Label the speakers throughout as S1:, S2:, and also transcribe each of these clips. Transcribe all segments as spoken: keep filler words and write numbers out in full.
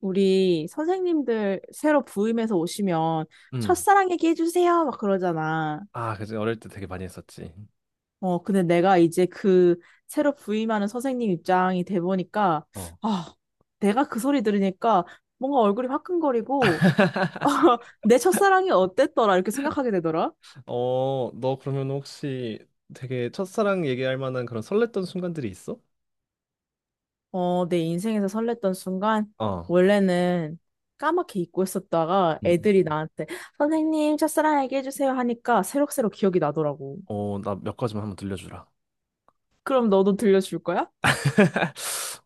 S1: 우리 선생님들 새로 부임해서 오시면
S2: 음.
S1: 첫사랑 얘기해 주세요 막 그러잖아.
S2: 아, 그치. 어릴 때 되게 많이 했었지.
S1: 어, 근데 내가 이제 그 새로 부임하는 선생님 입장이 돼 보니까
S2: 어.
S1: 아, 내가 그 소리 들으니까 뭔가 얼굴이 화끈거리고 내 첫사랑이 어땠더라 이렇게 생각하게 되더라.
S2: 어, 너 그러면 혹시 되게 첫사랑 얘기할 만한 그런 설렜던 순간들이 있어?
S1: 어, 내 인생에서 설렜던 순간
S2: 어.
S1: 원래는 까맣게 잊고 있었다가
S2: 음,
S1: 애들이
S2: 음.
S1: 나한테 선생님 첫사랑 얘기해 주세요 하니까 새록새록 기억이 나더라고.
S2: 어, 나 몇 가지만 한번 들려주라.
S1: 그럼 너도 들려줄 거야?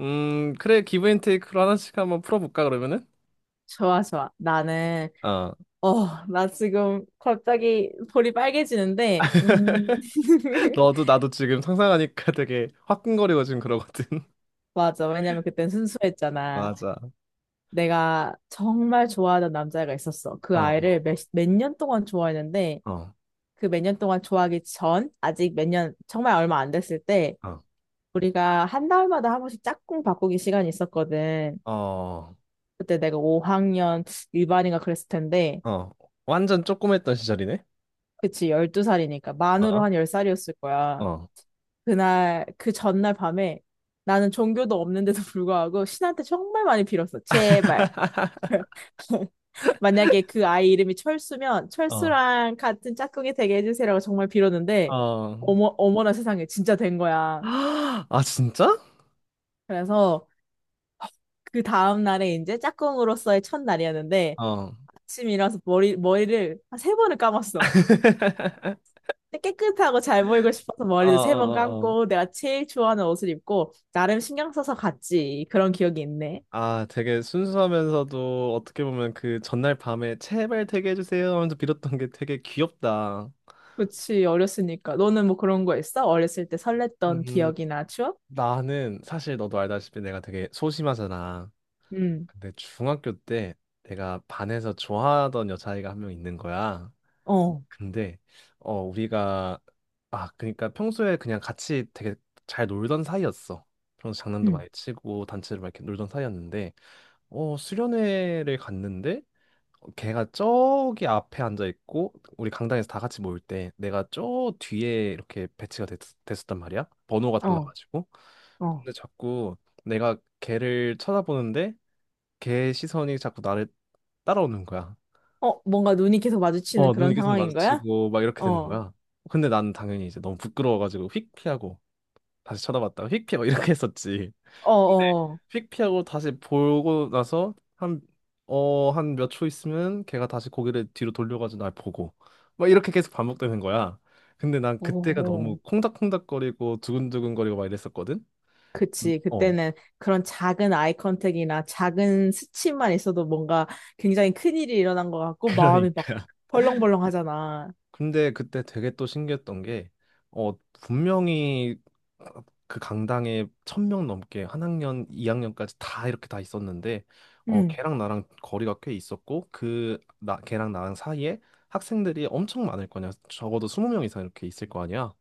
S2: 음, 그래. 기브 앤 테이크로 하나씩 한번 풀어볼까, 그러면은?
S1: 좋아, 좋아. 나는,
S2: 어.
S1: 어, 나 지금 갑자기 볼이 빨개지는데, 음,
S2: 너도 나도 지금 상상하니까 되게 화끈거리고 지금 그러거든.
S1: 맞아. 왜냐면 그땐 순수했잖아.
S2: 맞아.
S1: 내가 정말 좋아하던 남자애가 있었어. 그
S2: 어,
S1: 아이를 몇, 몇 년 동안 좋아했는데,
S2: 어,
S1: 그 몇 년 동안 좋아하기 전, 아직 몇 년, 정말 얼마 안 됐을 때,
S2: 어,
S1: 우리가 한 달마다 한 번씩 짝꿍 바꾸기 시간이 있었거든.
S2: 어,
S1: 그때 내가 오 학년 일반인가 그랬을 텐데,
S2: 어. 완전 쪼꼬맸던 시절이네.
S1: 그치, 열두 살이니까 만으로
S2: 어,
S1: 한 열 살이었을 거야.
S2: 어.
S1: 그날, 그 전날 밤에 나는 종교도 없는데도 불구하고 신한테 정말 많이 빌었어. 제발. 만약에 그 아이 이름이 철수면
S2: 어,
S1: 철수랑 같은 짝꿍이 되게 해주세요라고 정말 빌었는데
S2: 어.
S1: 어머 어머나 세상에 진짜 된 거야.
S2: 아, 진짜?
S1: 그래서 그 다음 날에 이제 짝꿍으로서의 첫날이었는데
S2: 어.
S1: 아침 일어나서 머리 머리를 한 세 번을 감았어. 깨끗하고 잘 보이고 싶어서
S2: 어, 어,
S1: 머리도 세 번
S2: 어, 어.
S1: 감고 내가 제일 좋아하는 옷을 입고 나름 신경 써서 갔지. 그런 기억이 있네.
S2: 아, 되게 순수하면서도 어떻게 보면 그 전날 밤에 제발 되게 해주세요 하면서 빌었던 게 되게 귀엽다.
S1: 그치, 어렸으니까. 너는 뭐 그런 거 있어? 어렸을 때 설렜던
S2: 음,
S1: 기억이나 추억?
S2: 나는 사실 너도 알다시피 내가 되게 소심하잖아.
S1: 응.
S2: 근데 중학교 때 내가 반에서 좋아하던 여자아이가 한 명 있는 거야.
S1: 어,
S2: 근데 어 우리가 아 그러니까 평소에 그냥 같이 되게 잘 놀던 사이였어. 평소 장난도
S1: 응.
S2: 많이 치고 단체로 막 이렇게 놀던 사이였는데 어 수련회를 갔는데 어, 걔가 저기 앞에 앉아 있고 우리 강당에서 다 같이 모일 때 내가 저 뒤에 이렇게 배치가 됐, 됐었단 말이야. 번호가
S1: 어,
S2: 달라가지고.
S1: 어.
S2: 근데 자꾸 내가 걔를 쳐다보는데 걔 시선이 자꾸 나를 따라오는 거야.
S1: 어, 뭔가 눈이 계속 마주치는
S2: 어, 눈이
S1: 그런
S2: 계속
S1: 상황인 거야?
S2: 마주치고 막 이렇게
S1: 어,
S2: 되는
S1: 어,
S2: 거야. 근데 난 당연히 이제 너무 부끄러워가지고 휙 피하고 다시 쳐다봤다가 휙 피하고 이렇게 했었지. 근데
S1: 어,
S2: 휙 피하고 다시 보고 나서 한, 어, 한 몇 초 있으면 걔가 다시 고개를 뒤로 돌려가지고 날 보고 막 이렇게 계속 반복되는 거야. 근데 난
S1: 어,
S2: 그때가
S1: 어. 어.
S2: 너무 콩닥콩닥거리고 두근두근거리고 막 이랬었거든. 음.
S1: 그치.
S2: 어,
S1: 그때는 그런 작은 아이 컨택이나 작은 스침만 있어도 뭔가 굉장히 큰일이 일어난 것 같고 마음이 막
S2: 그러니까
S1: 벌렁벌렁 하잖아.
S2: 근데 그때 되게 또 신기했던 게, 어, 분명히 그 강당에 천 명 넘게 한 학년, 이학년까지다 이렇게 다 있었는데, 어, 걔랑 나랑 거리가 꽤 있었고, 그, 나, 걔랑 나랑 사이에 학생들이 엄청 많을 거냐. 적어도 이십 명 이상 이렇게 있을 거 아니야.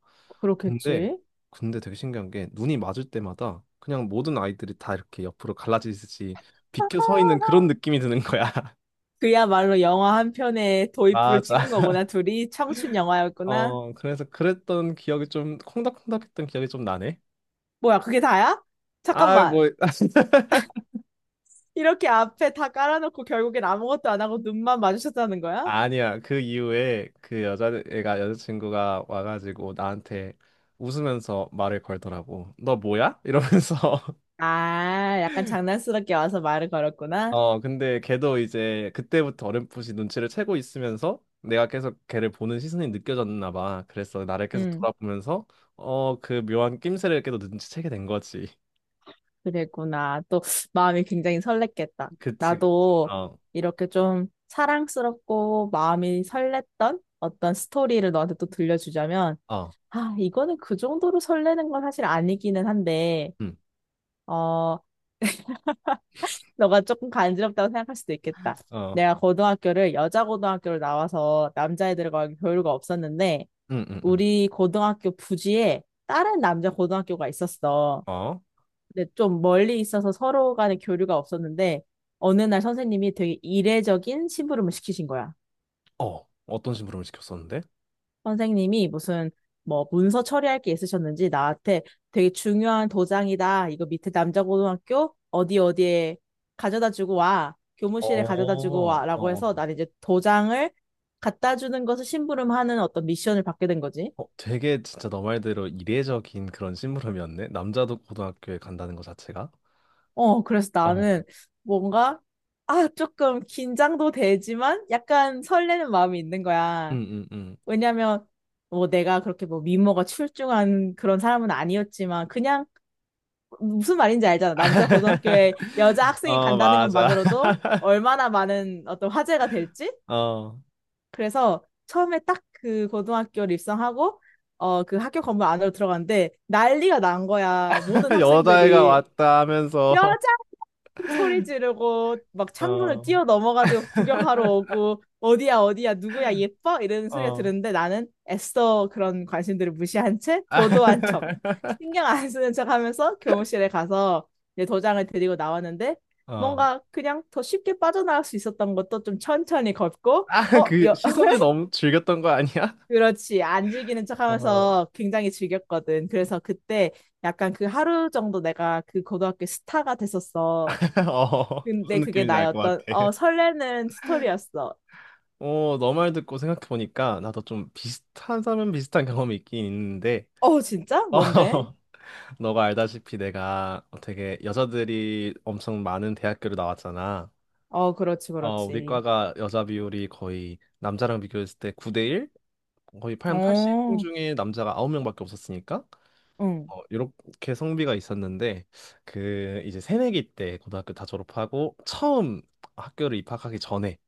S2: 근데,
S1: 그렇겠지.
S2: 근데 되게 신기한 게, 눈이 맞을 때마다 그냥 모든 아이들이 다 이렇게 옆으로 갈라지듯이 비켜 서 있는 그런 느낌이 드는 거야.
S1: 그야말로 영화 한 편에 도입부를
S2: 맞아.
S1: 찍은 거구나. 둘이 청춘 영화였구나.
S2: 어, 그래서 그랬던 기억이 좀 콩닥콩닥했던 기억이 좀 나네.
S1: 뭐야, 그게 다야?
S2: 아,
S1: 잠깐만.
S2: 뭐.
S1: 이렇게 앞에 다 깔아놓고 결국엔 아무것도 안 하고 눈만 마주쳤다는 거야?
S2: 아니야. 그 이후에 그 여자애가 여자친구가 와가지고 나한테 웃으면서 말을 걸더라고. 너 뭐야? 이러면서.
S1: 아, 약간 장난스럽게 와서 말을 걸었구나.
S2: 어, 근데 걔도 이제 그때부터 어렴풋이 눈치를 채고 있으면서 내가 계속 걔를 보는 시선이 느껴졌나 봐. 그래서 나를 계속
S1: 응,
S2: 돌아보면서 어, 그 묘한 낌새를 계속 눈치채게 된 거지.
S1: 그랬구나. 또 마음이 굉장히 설렜겠다.
S2: 그치, 그치.
S1: 나도
S2: 어,
S1: 이렇게 좀 사랑스럽고 마음이 설렜던 어떤 스토리를 너한테 또 들려주자면,
S2: 어,
S1: 아, 이거는 그 정도로 설레는 건 사실 아니기는 한데,
S2: 응,
S1: 어, 너가 조금 간지럽다고 생각할 수도 있겠다.
S2: 어,
S1: 내가 고등학교를 여자 고등학교로 나와서 남자애들과 교류가 없었는데,
S2: 응, 응, 응.
S1: 우리 고등학교 부지에 다른 남자 고등학교가 있었어.
S2: 어.
S1: 근데 좀 멀리 있어서 서로 간에 교류가 없었는데, 어느 날 선생님이 되게 이례적인 심부름을 시키신 거야.
S2: 어, 어떤 심부름을 시켰었는데?
S1: 선생님이 무슨 뭐 문서 처리할 게 있으셨는지 나한테 되게 중요한 도장이다. 이거 밑에 남자고등학교 어디 어디에 가져다 주고 와.
S2: 어,
S1: 교무실에 가져다 주고
S2: 어,
S1: 와라고 해서
S2: 어.
S1: 난 이제 도장을 갖다 주는 것을 심부름하는 어떤 미션을 받게 된 거지.
S2: 어, 되게 진짜 너 말대로 이례적인 그런 심부름이었네. 남자도 고등학교에 간다는 것 자체가.
S1: 어, 그래서
S2: 어,
S1: 나는 뭔가 아, 조금 긴장도 되지만 약간 설레는 마음이 있는 거야.
S2: 응, 응, 응.
S1: 왜냐면 뭐 내가 그렇게 뭐 미모가 출중한 그런 사람은 아니었지만 그냥 무슨 말인지 알잖아. 남자 고등학교에 여자 학생이
S2: 어,
S1: 간다는
S2: 맞아.
S1: 것만으로도 얼마나 많은 어떤 화제가 될지.
S2: 어,
S1: 그래서 처음에 딱 그 고등학교를 입성하고 어, 그 학교 건물 안으로 들어갔는데 난리가 난 거야. 모든
S2: 여자애가
S1: 학생들이
S2: 왔다 하면서,
S1: 여자 소리 지르고 막 창문을
S2: 어,
S1: 뛰어 넘어가지고 구경하러 오고 어디야 어디야 누구야 예뻐 이런 소리가
S2: 어,
S1: 들었는데 나는 애써 그런 관심들을 무시한 채
S2: 아,
S1: 도도한 척 신경 안 쓰는 척 하면서 교무실에 가서 이제 도장을 들이고 나왔는데
S2: 어.
S1: 뭔가 그냥 더 쉽게 빠져나갈 수 있었던 것도 좀 천천히 걷고
S2: 아,
S1: 어
S2: 그
S1: 여,
S2: 시선을 너무 즐겼던 거 아니야?
S1: 그렇지 안 즐기는 척
S2: 어,
S1: 하면서 굉장히 즐겼거든 그래서 그때 약간 그 하루 정도 내가 그 고등학교 스타가 됐었어.
S2: 어, 무슨
S1: 근데 그게
S2: 느낌인지
S1: 나의
S2: 알 것
S1: 어떤
S2: 같아.
S1: 어 설레는 스토리였어.
S2: 어, 너 말 듣고 생각해보니까 나도 좀 비슷하다면 비슷한 경험이 있긴 있는데,
S1: 어 진짜?
S2: 어,
S1: 뭔데?
S2: 너가 알다시피 내가 어, 되게 여자들이 엄청 많은 대학교를 나왔잖아.
S1: 어 그렇지
S2: 어, 우리
S1: 그렇지.
S2: 과가 여자 비율이 거의 남자랑 비교했을 때 구 대 일? 거의 팔 팔십 명
S1: 어
S2: 중에 남자가 아홉 명밖에 없었으니까,
S1: 응.
S2: 어, 이렇게 성비가 있었는데, 그 이제 새내기 때 고등학교 다 졸업하고 처음 학교를 입학하기 전에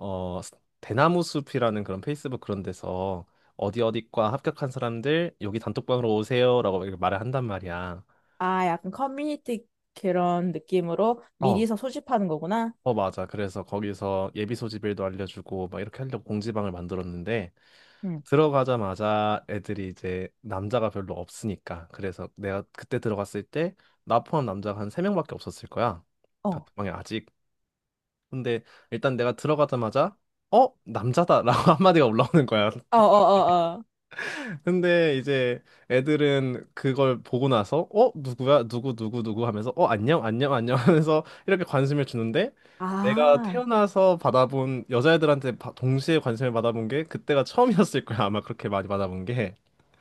S2: 어, 스- 대나무 숲이라는 그런 페이스북 그런 데서 어디 어디과 합격한 사람들 여기 단톡방으로 오세요라고 이렇게 말을 한단 말이야.
S1: 아 약간 커뮤니티 그런 느낌으로
S2: 어,
S1: 미리서 소집하는 거구나.
S2: 어, 맞아. 그래서 거기서 예비 소집일도 알려주고 막 이렇게 하려고 공지방을 만들었는데
S1: 응.
S2: 들어가자마자 애들이 이제 남자가 별로 없으니까 그래서 내가 그때 들어갔을 때 나 포함 남자가 한 세명밖에 없었을 거야.
S1: 어. 어
S2: 단톡방에 아직. 근데 일단 내가 들어가자마자 어? 남자다 라고 한마디가 올라오는 거야.
S1: 어어 어.
S2: 근데 이제 애들은 그걸 보고 나서 어 누구야 누구 누구 누구 하면서 어 안녕 안녕 안녕 하면서 이렇게 관심을 주는데 내가
S1: 아,
S2: 태어나서 받아본 여자애들한테 바- 동시에 관심을 받아본 게 그때가 처음이었을 거야 아마 그렇게 많이 받아본 게.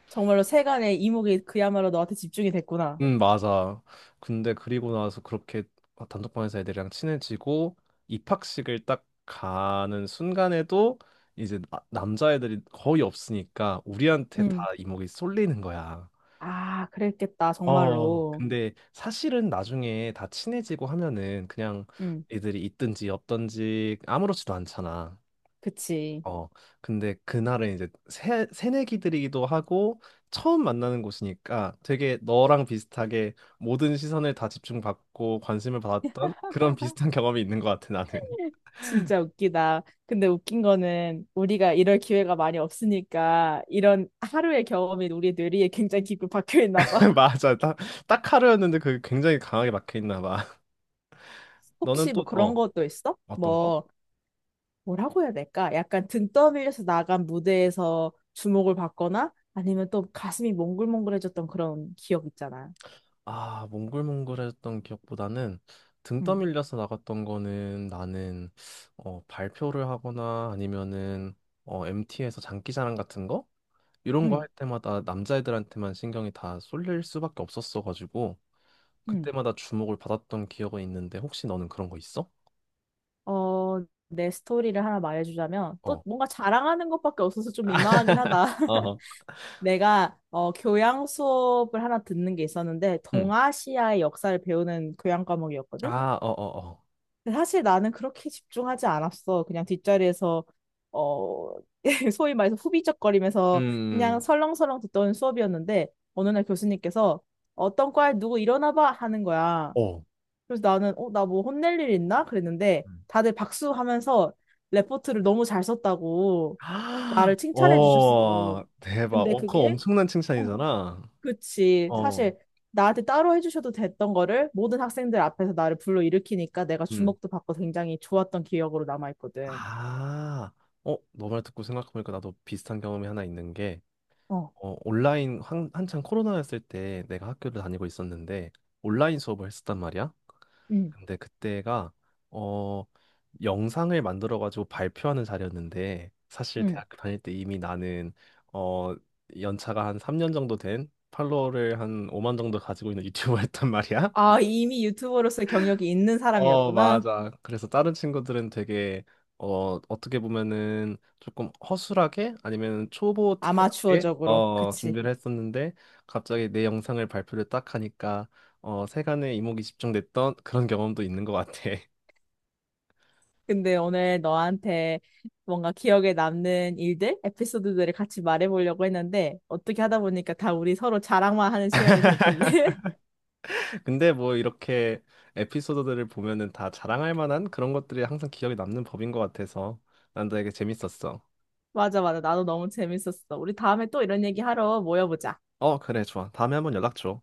S1: 정말로 세간의 이목이 그야말로 너한테 집중이 됐구나.
S2: 음, 맞아. 근데 그리고 나서 그렇게 어, 단톡방에서 애들이랑 친해지고 입학식을 딱 가는 순간에도 이제 나- 남자애들이 거의 없으니까 우리한테 다
S1: 응.
S2: 이목이 쏠리는 거야.
S1: 아, 그랬겠다
S2: 어,
S1: 정말로.
S2: 근데 사실은 나중에 다 친해지고 하면은 그냥
S1: 응.
S2: 애들이 있든지 없든지 아무렇지도 않잖아.
S1: 그치.
S2: 어, 근데 그날은 이제 새, 새내기들이기도 하고 처음 만나는 곳이니까 되게 너랑 비슷하게 모든 시선을 다 집중받고 관심을 받았던 그런 비슷한 경험이 있는 것 같아, 나는.
S1: 진짜 웃기다. 근데 웃긴 거는 우리가 이럴 기회가 많이 없으니까 이런 하루의 경험이 우리 뇌리에 굉장히 깊이 박혀 있나 봐.
S2: 맞아. 딱, 딱 하루였는데 그게 굉장히 강하게 막혀있나 봐. 너는
S1: 혹시
S2: 또,
S1: 뭐 그런
S2: 어,
S1: 것도 있어?
S2: 어떤 거?
S1: 뭐 뭐라고 해야 될까? 약간 등 떠밀려서 나간 무대에서 주목을 받거나 아니면 또 가슴이 몽글몽글해졌던 그런 기억 있잖아.
S2: 아, 몽글몽글했던 기억보다는 등
S1: 응,
S2: 떠밀려서 나갔던 거는 나는 어, 발표를 하거나 아니면은 어, 엠티에서 장기자랑 같은 거 이런 거
S1: 응,
S2: 할 때마다 남자애들한테만 신경이 다 쏠릴 수밖에 없었어 가지고
S1: 응.
S2: 그때마다 주목을 받았던 기억은 있는데 혹시 너는 그런 거 있어?
S1: 어, 내 스토리를 하나 말해주자면 또
S2: 어.
S1: 뭔가 자랑하는 것밖에 없어서 좀 민망하긴 하다.
S2: 어허.
S1: 내가 어, 교양 수업을 하나 듣는 게 있었는데
S2: 응.
S1: 동아시아의 역사를 배우는 교양 과목이었거든.
S2: 아, 어, 어, 어.
S1: 근데 사실 나는 그렇게 집중하지 않았어. 그냥 뒷자리에서 어, 소위 말해서 후비적거리면서 그냥
S2: 음.
S1: 설렁설렁 듣던 수업이었는데 어느 날 교수님께서 어떤 과에 누구 일어나 봐 하는 거야.
S2: 어.
S1: 그래서 나는 어, 나 뭐 혼낼 일 있나? 그랬는데
S2: 음.
S1: 다들 박수하면서 레포트를 너무 잘 썼다고
S2: 아,
S1: 나를 칭찬해 주셨어.
S2: 어, 대박.
S1: 근데
S2: 어, 그거
S1: 그게
S2: 엄청난
S1: 어,
S2: 칭찬이잖아.
S1: 그치.
S2: 어.
S1: 사실 나한테 따로 해주셔도 됐던 거를 모든 학생들 앞에서 나를 불러일으키니까 내가 주목도 받고 굉장히 좋았던 기억으로 남아있거든.
S2: 아, 어, 너 말 듣고 생각해보니까 나도 비슷한 경험이 하나 있는 게,
S1: 어,
S2: 어, 온라인 한, 한창 코로나였을 때 내가 학교를 다니고 있었는데, 온라인 수업을 했었단 말이야.
S1: 응,
S2: 근데 그때가, 어, 영상을 만들어가지고 발표하는 자리였는데, 사실
S1: 응.
S2: 대학교 다닐 때 이미 나는, 어, 연차가 한 삼 년 정도 된 팔로워를 한 오만 정도 가지고 있는 유튜버였단 말이야.
S1: 아, 이미 유튜버로서의 경력이 있는
S2: 어,
S1: 사람이었구나.
S2: 맞아. 그래서 다른 친구들은 되게 어, 어떻게 보면은 조금 허술하게 아니면 초보 티가 나게
S1: 아마추어적으로.
S2: 어,
S1: 그치.
S2: 준비를 했었는데 갑자기 내 영상을 발표를 딱 하니까 어, 세간의 이목이 집중됐던 그런 경험도 있는 것 같아.
S1: 근데 오늘 너한테 뭔가 기억에 남는 일들, 에피소드들을 같이 말해보려고 했는데 어떻게 하다 보니까 다 우리 서로 자랑만 하는 시간이 됐었네.
S2: 근데 뭐 이렇게 에피소드들을 보면은 다 자랑할 만한 그런 것들이 항상 기억에 남는 법인 것 같아서 난 되게 재밌었어.
S1: 맞아, 맞아. 나도 너무 재밌었어. 우리 다음에 또 이런 얘기 하러 모여보자.
S2: 어, 그래, 좋아. 다음에 한번 연락 줘.